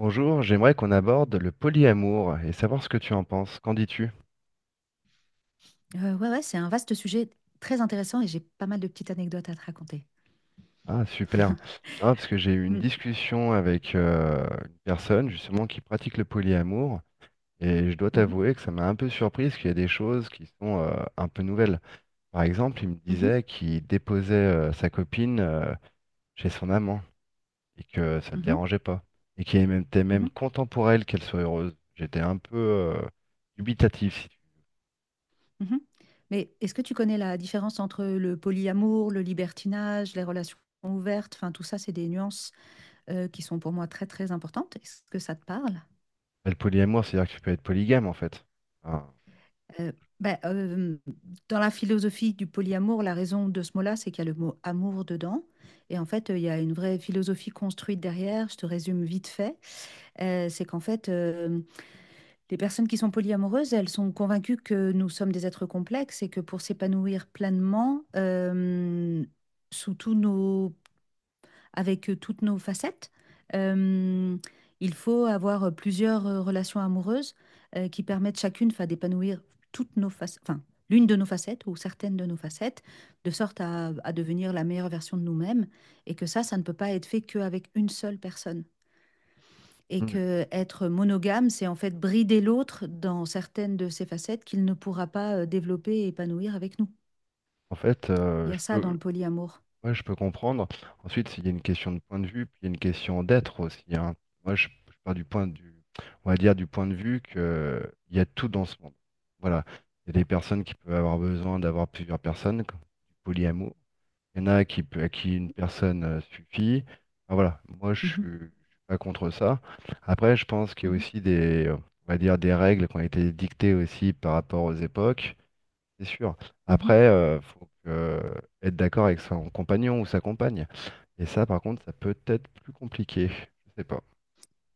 Bonjour, j'aimerais qu'on aborde le polyamour et savoir ce que tu en penses. Qu'en dis-tu? Ouais, ouais, c'est un vaste sujet très intéressant et j'ai pas mal de petites anecdotes à te raconter. Ah, super. Non, parce que j'ai eu une Mmh. discussion avec une personne justement qui pratique le polyamour et je dois Mmh mh. t'avouer que ça m'a un peu surprise qu'il y a des choses qui sont un peu nouvelles. Par exemple, il me Mmh mh. disait qu'il déposait sa copine chez son amant et que ça ne le Mmh. dérangeait pas et qu'il était même Mmh. content pour elle qu'elle soit heureuse. J'étais un peu dubitatif. Si tu Mmh. Mais est-ce que tu connais la différence entre le polyamour, le libertinage, les relations ouvertes? Enfin, tout ça, c'est des nuances, qui sont pour moi très, très importantes. Est-ce que ça te parle? veux. Le polyamour, c'est-à-dire que tu peux être polygame en fait. Enfin, Heu, bah, dans la philosophie du polyamour, la raison de ce mot-là, c'est qu'il y a le mot «amour» dedans et en fait, il y a une vraie philosophie construite derrière. Je te résume vite fait. C'est qu'en fait, les personnes qui sont polyamoureuses, elles sont convaincues que nous sommes des êtres complexes et que pour s'épanouir pleinement, sous avec toutes nos facettes, euh, il faut avoir plusieurs relations amoureuses qui permettent chacune, enfin, d'épanouir toutes nos facettes, enfin, l'une de nos facettes ou certaines de nos facettes, de sorte à devenir la meilleure version de nous-mêmes. Et que ça ne peut pas être fait qu'avec une seule personne et mm. que être monogame, c'est en fait brider l'autre dans certaines de ses facettes qu'il ne pourra pas développer et épanouir avec nous. En fait, Il y a ça dans le polyamour. ouais, je peux comprendre. Ensuite, il y a une question de point de vue, puis il y a une question d'être aussi, hein. Moi, je pars on va dire du point de vue que il y a tout dans ce monde. Voilà. Il y a des personnes qui peuvent avoir besoin d'avoir plusieurs personnes, comme du polyamour. Il y en a qui peut, à qui une personne suffit. Enfin, voilà. Moi, Mhm, je suis pas contre ça. Après, je pense qu'il y a mhm, aussi on va dire des règles qui ont été dictées aussi par rapport aux époques. C'est sûr. mhm. Après, être d'accord avec son compagnon ou sa compagne. Et ça, par contre, ça peut être plus compliqué. Je sais pas.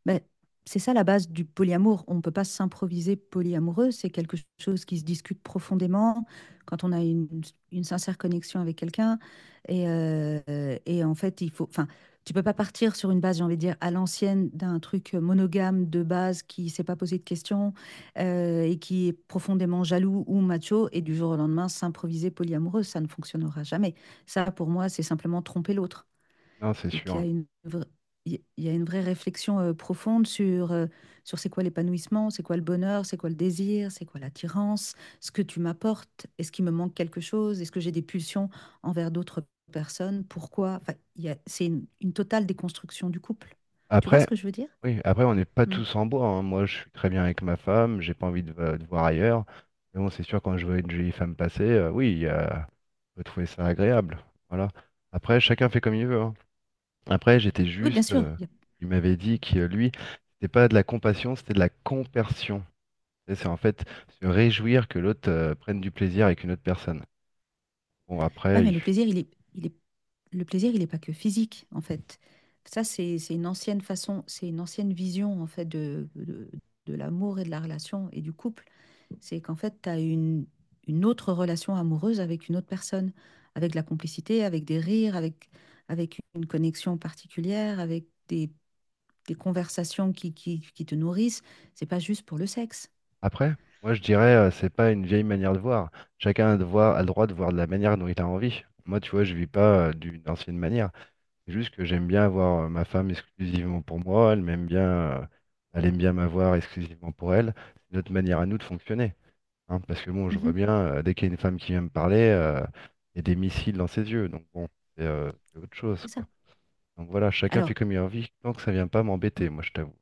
Ben, c'est ça la base du polyamour. On ne peut pas s'improviser polyamoureux. C'est quelque chose qui se discute profondément quand on a une sincère connexion avec quelqu'un. Et, euh, et en fait, il faut, enfin, tu peux pas partir sur une base, j'ai envie de dire, à l'ancienne d'un truc monogame de base qui s'est pas posé de questions et qui est profondément jaloux ou macho et du jour au lendemain s'improviser polyamoureux. Ça ne fonctionnera jamais. Ça, pour moi, c'est simplement tromper l'autre. Non, c'est Donc, sûr. Il y a une vraie réflexion profonde sur, sur c'est quoi l'épanouissement, c'est quoi le bonheur, c'est quoi le désir, c'est quoi l'attirance, ce que tu m'apportes, est-ce qu'il me manque quelque chose, est-ce que j'ai des pulsions envers d'autres personnes, pourquoi, enfin, c'est une totale déconstruction du couple. Tu vois ce Après, que je veux dire? oui, après, on n'est pas Mm. tous en bois, hein. Moi, je suis très bien avec ma femme. J'ai pas envie de voir ailleurs. Mais bon, c'est sûr, quand je vois une jolie femme passer, oui, on peut trouver ça agréable. Voilà. Après, chacun fait comme il veut, hein. Après, j'étais Oui, bien juste. sûr. Il m'avait dit que lui, c'était pas de la compassion, c'était de la compersion. Et c'est en fait se réjouir que l'autre prenne du plaisir avec une autre personne. Bon, Ouais, mais il est, le plaisir, il n'est pas que physique, en fait. Ça, c'est une ancienne façon, c'est une ancienne vision, en fait, de l'amour et de la relation et du couple. C'est qu'en fait, tu as une autre relation amoureuse avec une autre personne, avec de la complicité, avec des rires, avec, avec une connexion particulière, avec des conversations qui te nourrissent. C'est pas juste pour le sexe. après, moi je dirais, c'est pas une vieille manière de voir. A le droit de voir de la manière dont il a envie. Moi, tu vois, je vis pas d'une ancienne manière. C'est juste que j'aime bien avoir ma femme exclusivement pour moi. Elle m'aime bien, elle aime bien m'avoir exclusivement pour elle. C'est notre manière à nous de fonctionner, hein, parce que bon, je vois Mhm, bien, dès qu'il y a une femme qui vient me parler, il y a des missiles dans ses yeux. Donc bon, c'est autre chose, c'est ça. quoi. Donc voilà, chacun fait Alors, comme il a envie, tant que ça vient pas m'embêter, moi je t'avoue.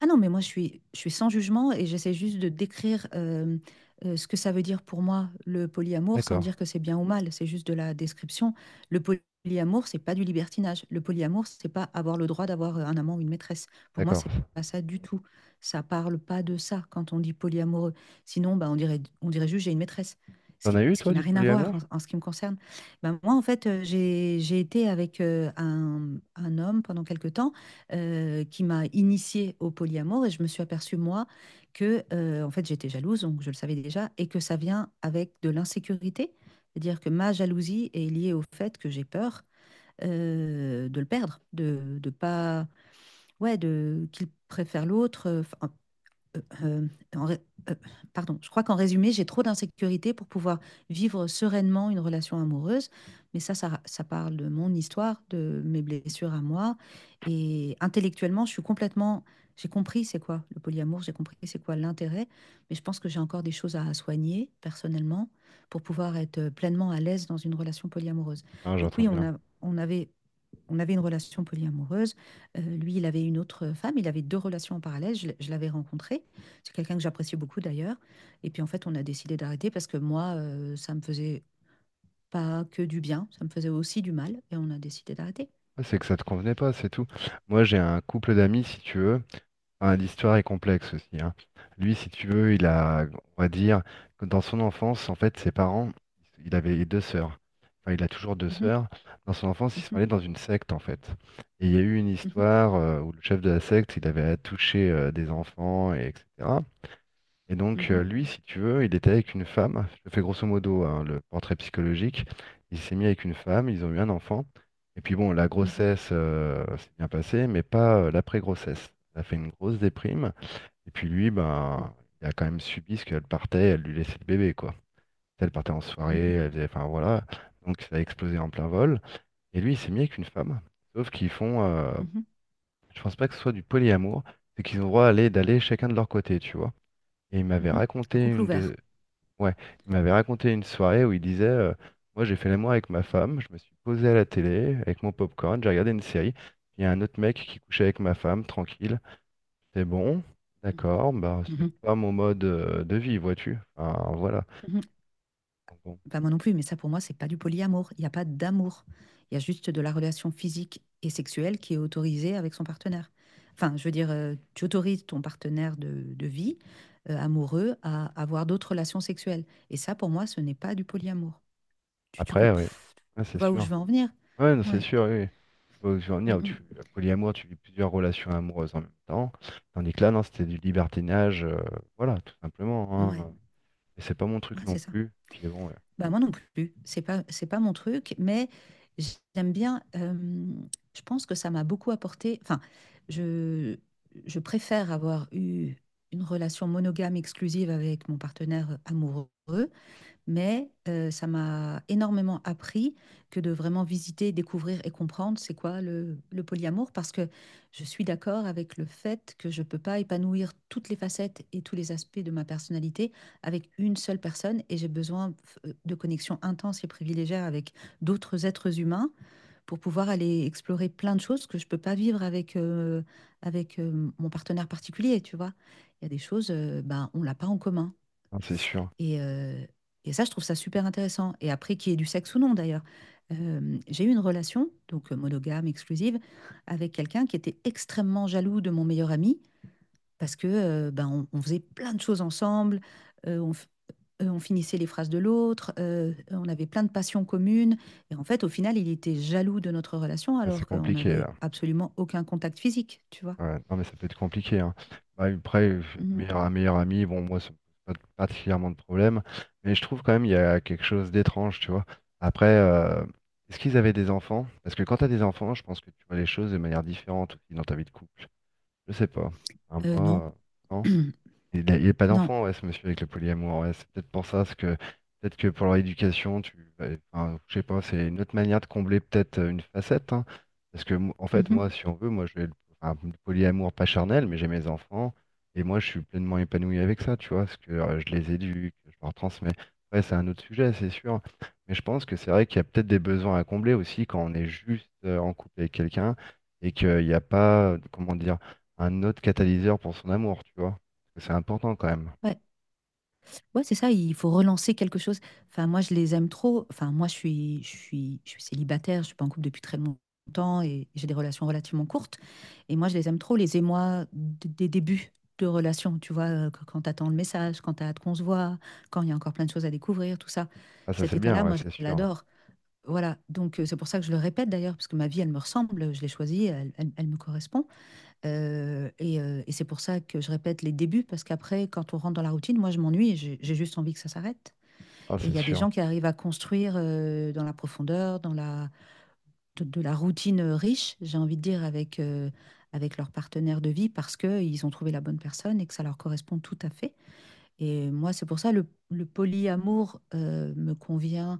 ah non, mais moi, je suis sans jugement et j'essaie juste de décrire ce que ça veut dire pour moi, le polyamour, sans D'accord, dire que c'est bien ou mal, c'est juste de la description. Le polyamour, c'est pas du libertinage. Le polyamour, c'est pas avoir le droit d'avoir un amant ou une maîtresse. Pour moi, d'accord. c'est pas ça du tout. Ça parle pas de ça quand on dit polyamoureux. Sinon, bah, on dirait juste j'ai une maîtresse, T'en as eu ce qui toi n'a du rien à voir polyamour? En ce qui me concerne. Bah, moi, en fait, j'ai été avec un homme pendant quelques temps qui m'a initiée au polyamour et je me suis aperçue, moi, que en fait, j'étais jalouse, donc je le savais déjà, et que ça vient avec de l'insécurité. C'est-à-dire que ma jalousie est liée au fait que j'ai peur de le perdre, de pas, ouais, de qu'il préfère l'autre. Enfin, euh, euh, euh, en ré- euh, pardon, je crois qu'en résumé, j'ai trop d'insécurité pour pouvoir vivre sereinement une relation amoureuse. Mais ça parle de mon histoire, de mes blessures à moi. Et intellectuellement, je suis complètement... J'ai compris c'est quoi le polyamour, j'ai compris c'est quoi l'intérêt. Mais je pense que j'ai encore des choses à soigner personnellement pour pouvoir être pleinement à l'aise dans une relation polyamoureuse. Ah, Donc j'entends oui, bien. On avait une relation polyamoureuse. Lui, il avait une autre femme. Il avait deux relations en parallèle. Je l'avais rencontré. C'est quelqu'un que j'appréciais beaucoup d'ailleurs. Et puis en fait, on a décidé d'arrêter parce que moi, ça me faisait pas que du bien, ça me faisait aussi du mal. Et on a décidé d'arrêter. Ah, c'est que ça te convenait pas, c'est tout. Moi j'ai un couple d'amis, si tu veux. Enfin, l'histoire est complexe aussi, hein. Lui, si tu veux, on va dire, que dans son enfance, en fait, ses parents, il avait deux sœurs. Enfin, il a toujours deux Mhm, sœurs. Dans son enfance, ils sont mhm, allés dans une secte, en fait. Et il y a eu une mhm, histoire où le chef de la secte, il avait à toucher des enfants, et etc. Et donc, lui, si tu veux, il était avec une femme. Je fais grosso modo hein, le portrait psychologique. Il s'est mis avec une femme, ils ont eu un enfant. Et puis bon, la grossesse s'est bien passée, mais pas l'après-grossesse. Ça a fait une grosse déprime. Et puis lui, mhm, ben, il a quand même subi ce qu'elle partait, elle lui laissait le bébé, quoi. Elle partait en mhm, soirée, elle faisait, enfin voilà. Donc ça a explosé en plein vol. Et lui, il s'est mis avec une femme. Sauf qu'ils font, mhm, mhm, je pense pas que ce soit du polyamour, c'est qu'ils ont le droit d'aller chacun de leur côté, tu vois. Et il mhm, m'avait mhm. Un raconté couple ouvert. Ouais, il m'avait raconté une soirée où il disait moi j'ai fait l'amour avec ma femme, je me suis posé à la télé avec mon popcorn, j'ai regardé une série, il y a un autre mec qui couchait avec ma femme, tranquille, c'est bon, Mhm, d'accord, bah c'est mhm, pas mon mode de vie, vois-tu. Enfin voilà. mhm. Donc bon. Pas moi non plus, mais ça pour moi, c'est pas du polyamour. Il n'y a pas d'amour. Il y a juste de la relation physique et sexuelle qui est autorisée avec son partenaire. Enfin, je veux dire, tu autorises ton partenaire de vie, amoureux, à avoir d'autres relations sexuelles. Et ça, pour moi, ce n'est pas du polyamour. Tu, tu, com- Après, oui, pff, ah, tu c'est vois où je sûr. veux en venir? Ouais, non, c'est Ouais, sûr, oui. Oui. Faut en venir où tu mm, polyamour, tu vis plusieurs relations amoureuses en même temps. Tandis que là, non, c'était du libertinage, voilà, tout simplement, mm. Ouais, hein. Et c'est pas mon ouais, truc non c'est ça. plus. Puis bon, ouais. Bah moi non plus, c'est pas mon truc, mais j'aime bien, je pense que ça m'a beaucoup apporté, enfin, je, je préfère avoir eu une relation monogame exclusive avec mon partenaire amoureux mais ça m'a énormément appris que de vraiment visiter, découvrir et comprendre c'est quoi le polyamour, parce que je suis d'accord avec le fait que je ne peux pas épanouir toutes les facettes et tous les aspects de ma personnalité avec une seule personne, et j'ai besoin de connexions intenses et privilégiées avec d'autres êtres humains pour pouvoir aller explorer plein de choses que je ne peux pas vivre avec mon partenaire particulier, tu vois. Il y a des choses, ben, on l'a pas en commun. Non, c'est sûr. Et, euh, et ça, je trouve ça super intéressant. Et après, qu'il y ait du sexe ou non, d'ailleurs. J'ai eu une relation, donc monogame, exclusive, avec quelqu'un qui était extrêmement jaloux de mon meilleur ami, parce que ben, on faisait plein de choses ensemble, euh, on, f- on finissait les phrases de l'autre, on avait plein de passions communes. Et en fait, au final, il était jaloux de notre relation, Ah, alors c'est qu'on compliqué n'avait là. absolument aucun contact physique, tu vois. Ouais. Non mais ça peut être compliqué, hein. Bah, après, Mhm. Un meilleur ami, bon moi ça me pose pas particulièrement de problème, mais je trouve quand même il y a quelque chose d'étrange, tu vois. Après, est-ce qu'ils avaient des enfants? Parce que quand tu as des enfants, je pense que tu vois les choses de manière différente aussi dans ta vie de couple. Je sais pas. Un Non, mois, non? Il a pas non. d'enfant, ouais, ce monsieur avec le polyamour. Ouais, c'est peut-être pour ça, parce que peut-être que pour leur éducation, tu, ouais, enfin, je sais pas, c'est une autre manière de combler peut-être une facette, hein. En fait, Mhm. moi, si on veut, moi, enfin, le polyamour pas charnel, mais j'ai mes enfants et moi, je suis pleinement épanoui avec ça, tu vois, parce que je les éduque, je leur transmets. Ouais, c'est un autre sujet, c'est sûr. Mais je pense que c'est vrai qu'il y a peut-être des besoins à combler aussi quand on est juste en couple avec quelqu'un et qu'il n'y a pas, comment dire, un autre catalyseur pour son amour, tu vois. C'est important quand même. Ouais. Ouais, c'est ça, il faut relancer quelque chose. Enfin, moi, je les aime trop. Enfin, moi, je suis célibataire, je suis pas en couple depuis très longtemps et j'ai des relations relativement courtes. Et moi, je les aime trop, les émois des débuts de relation, tu vois, quand t'attends le message, quand t'as hâte qu'on se voit, quand il y a encore plein de choses à découvrir, tout ça. Ah, ça Cet c'est bien, état-là, ouais, moi, je c'est sûr. l'adore. Voilà, donc c'est pour ça que je le répète d'ailleurs, parce que ma vie, elle me ressemble, je l'ai choisie, elle me correspond. Et c'est pour ça que je répète les débuts, parce qu'après, quand on rentre dans la routine, moi, je m'ennuie, et j'ai juste envie que ça s'arrête. Ah, Et il c'est y a des sûr. gens qui arrivent à construire dans la profondeur, de la routine riche, j'ai envie de dire, avec leur partenaire de vie, parce qu'ils ont trouvé la bonne personne et que ça leur correspond tout à fait. Et moi, c'est pour ça, le polyamour me convient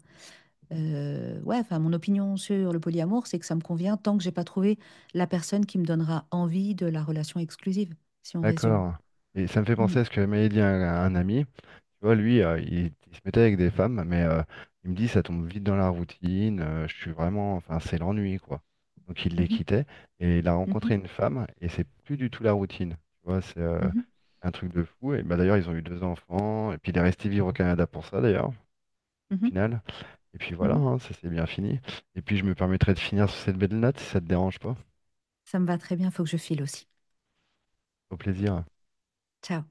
ouais, enfin, mon opinion sur le polyamour, c'est que ça me convient tant que j'ai pas trouvé la personne qui me donnera envie de la relation exclusive, si on résume. D'accord. Et ça me fait Hmm. penser à ce que m'avait dit un ami. Tu vois, lui, il se mettait avec des femmes, mais il me dit, ça tombe vite dans la routine. Je suis vraiment, enfin, c'est l'ennui, quoi. Donc il les Mhm, quittait et il a mhm, rencontré une femme et c'est plus du tout la routine. Tu vois, c'est un truc de fou. Et bah, d'ailleurs, ils ont eu deux enfants et puis il est resté vivre au Canada pour ça, d'ailleurs, au mhm, mhm, final. Et puis voilà, mhm. hein, ça s'est bien fini. Et puis je me permettrai de finir sur cette belle note si ça te dérange pas. Ça me va très bien, faut que je file aussi. Au plaisir. Ciao.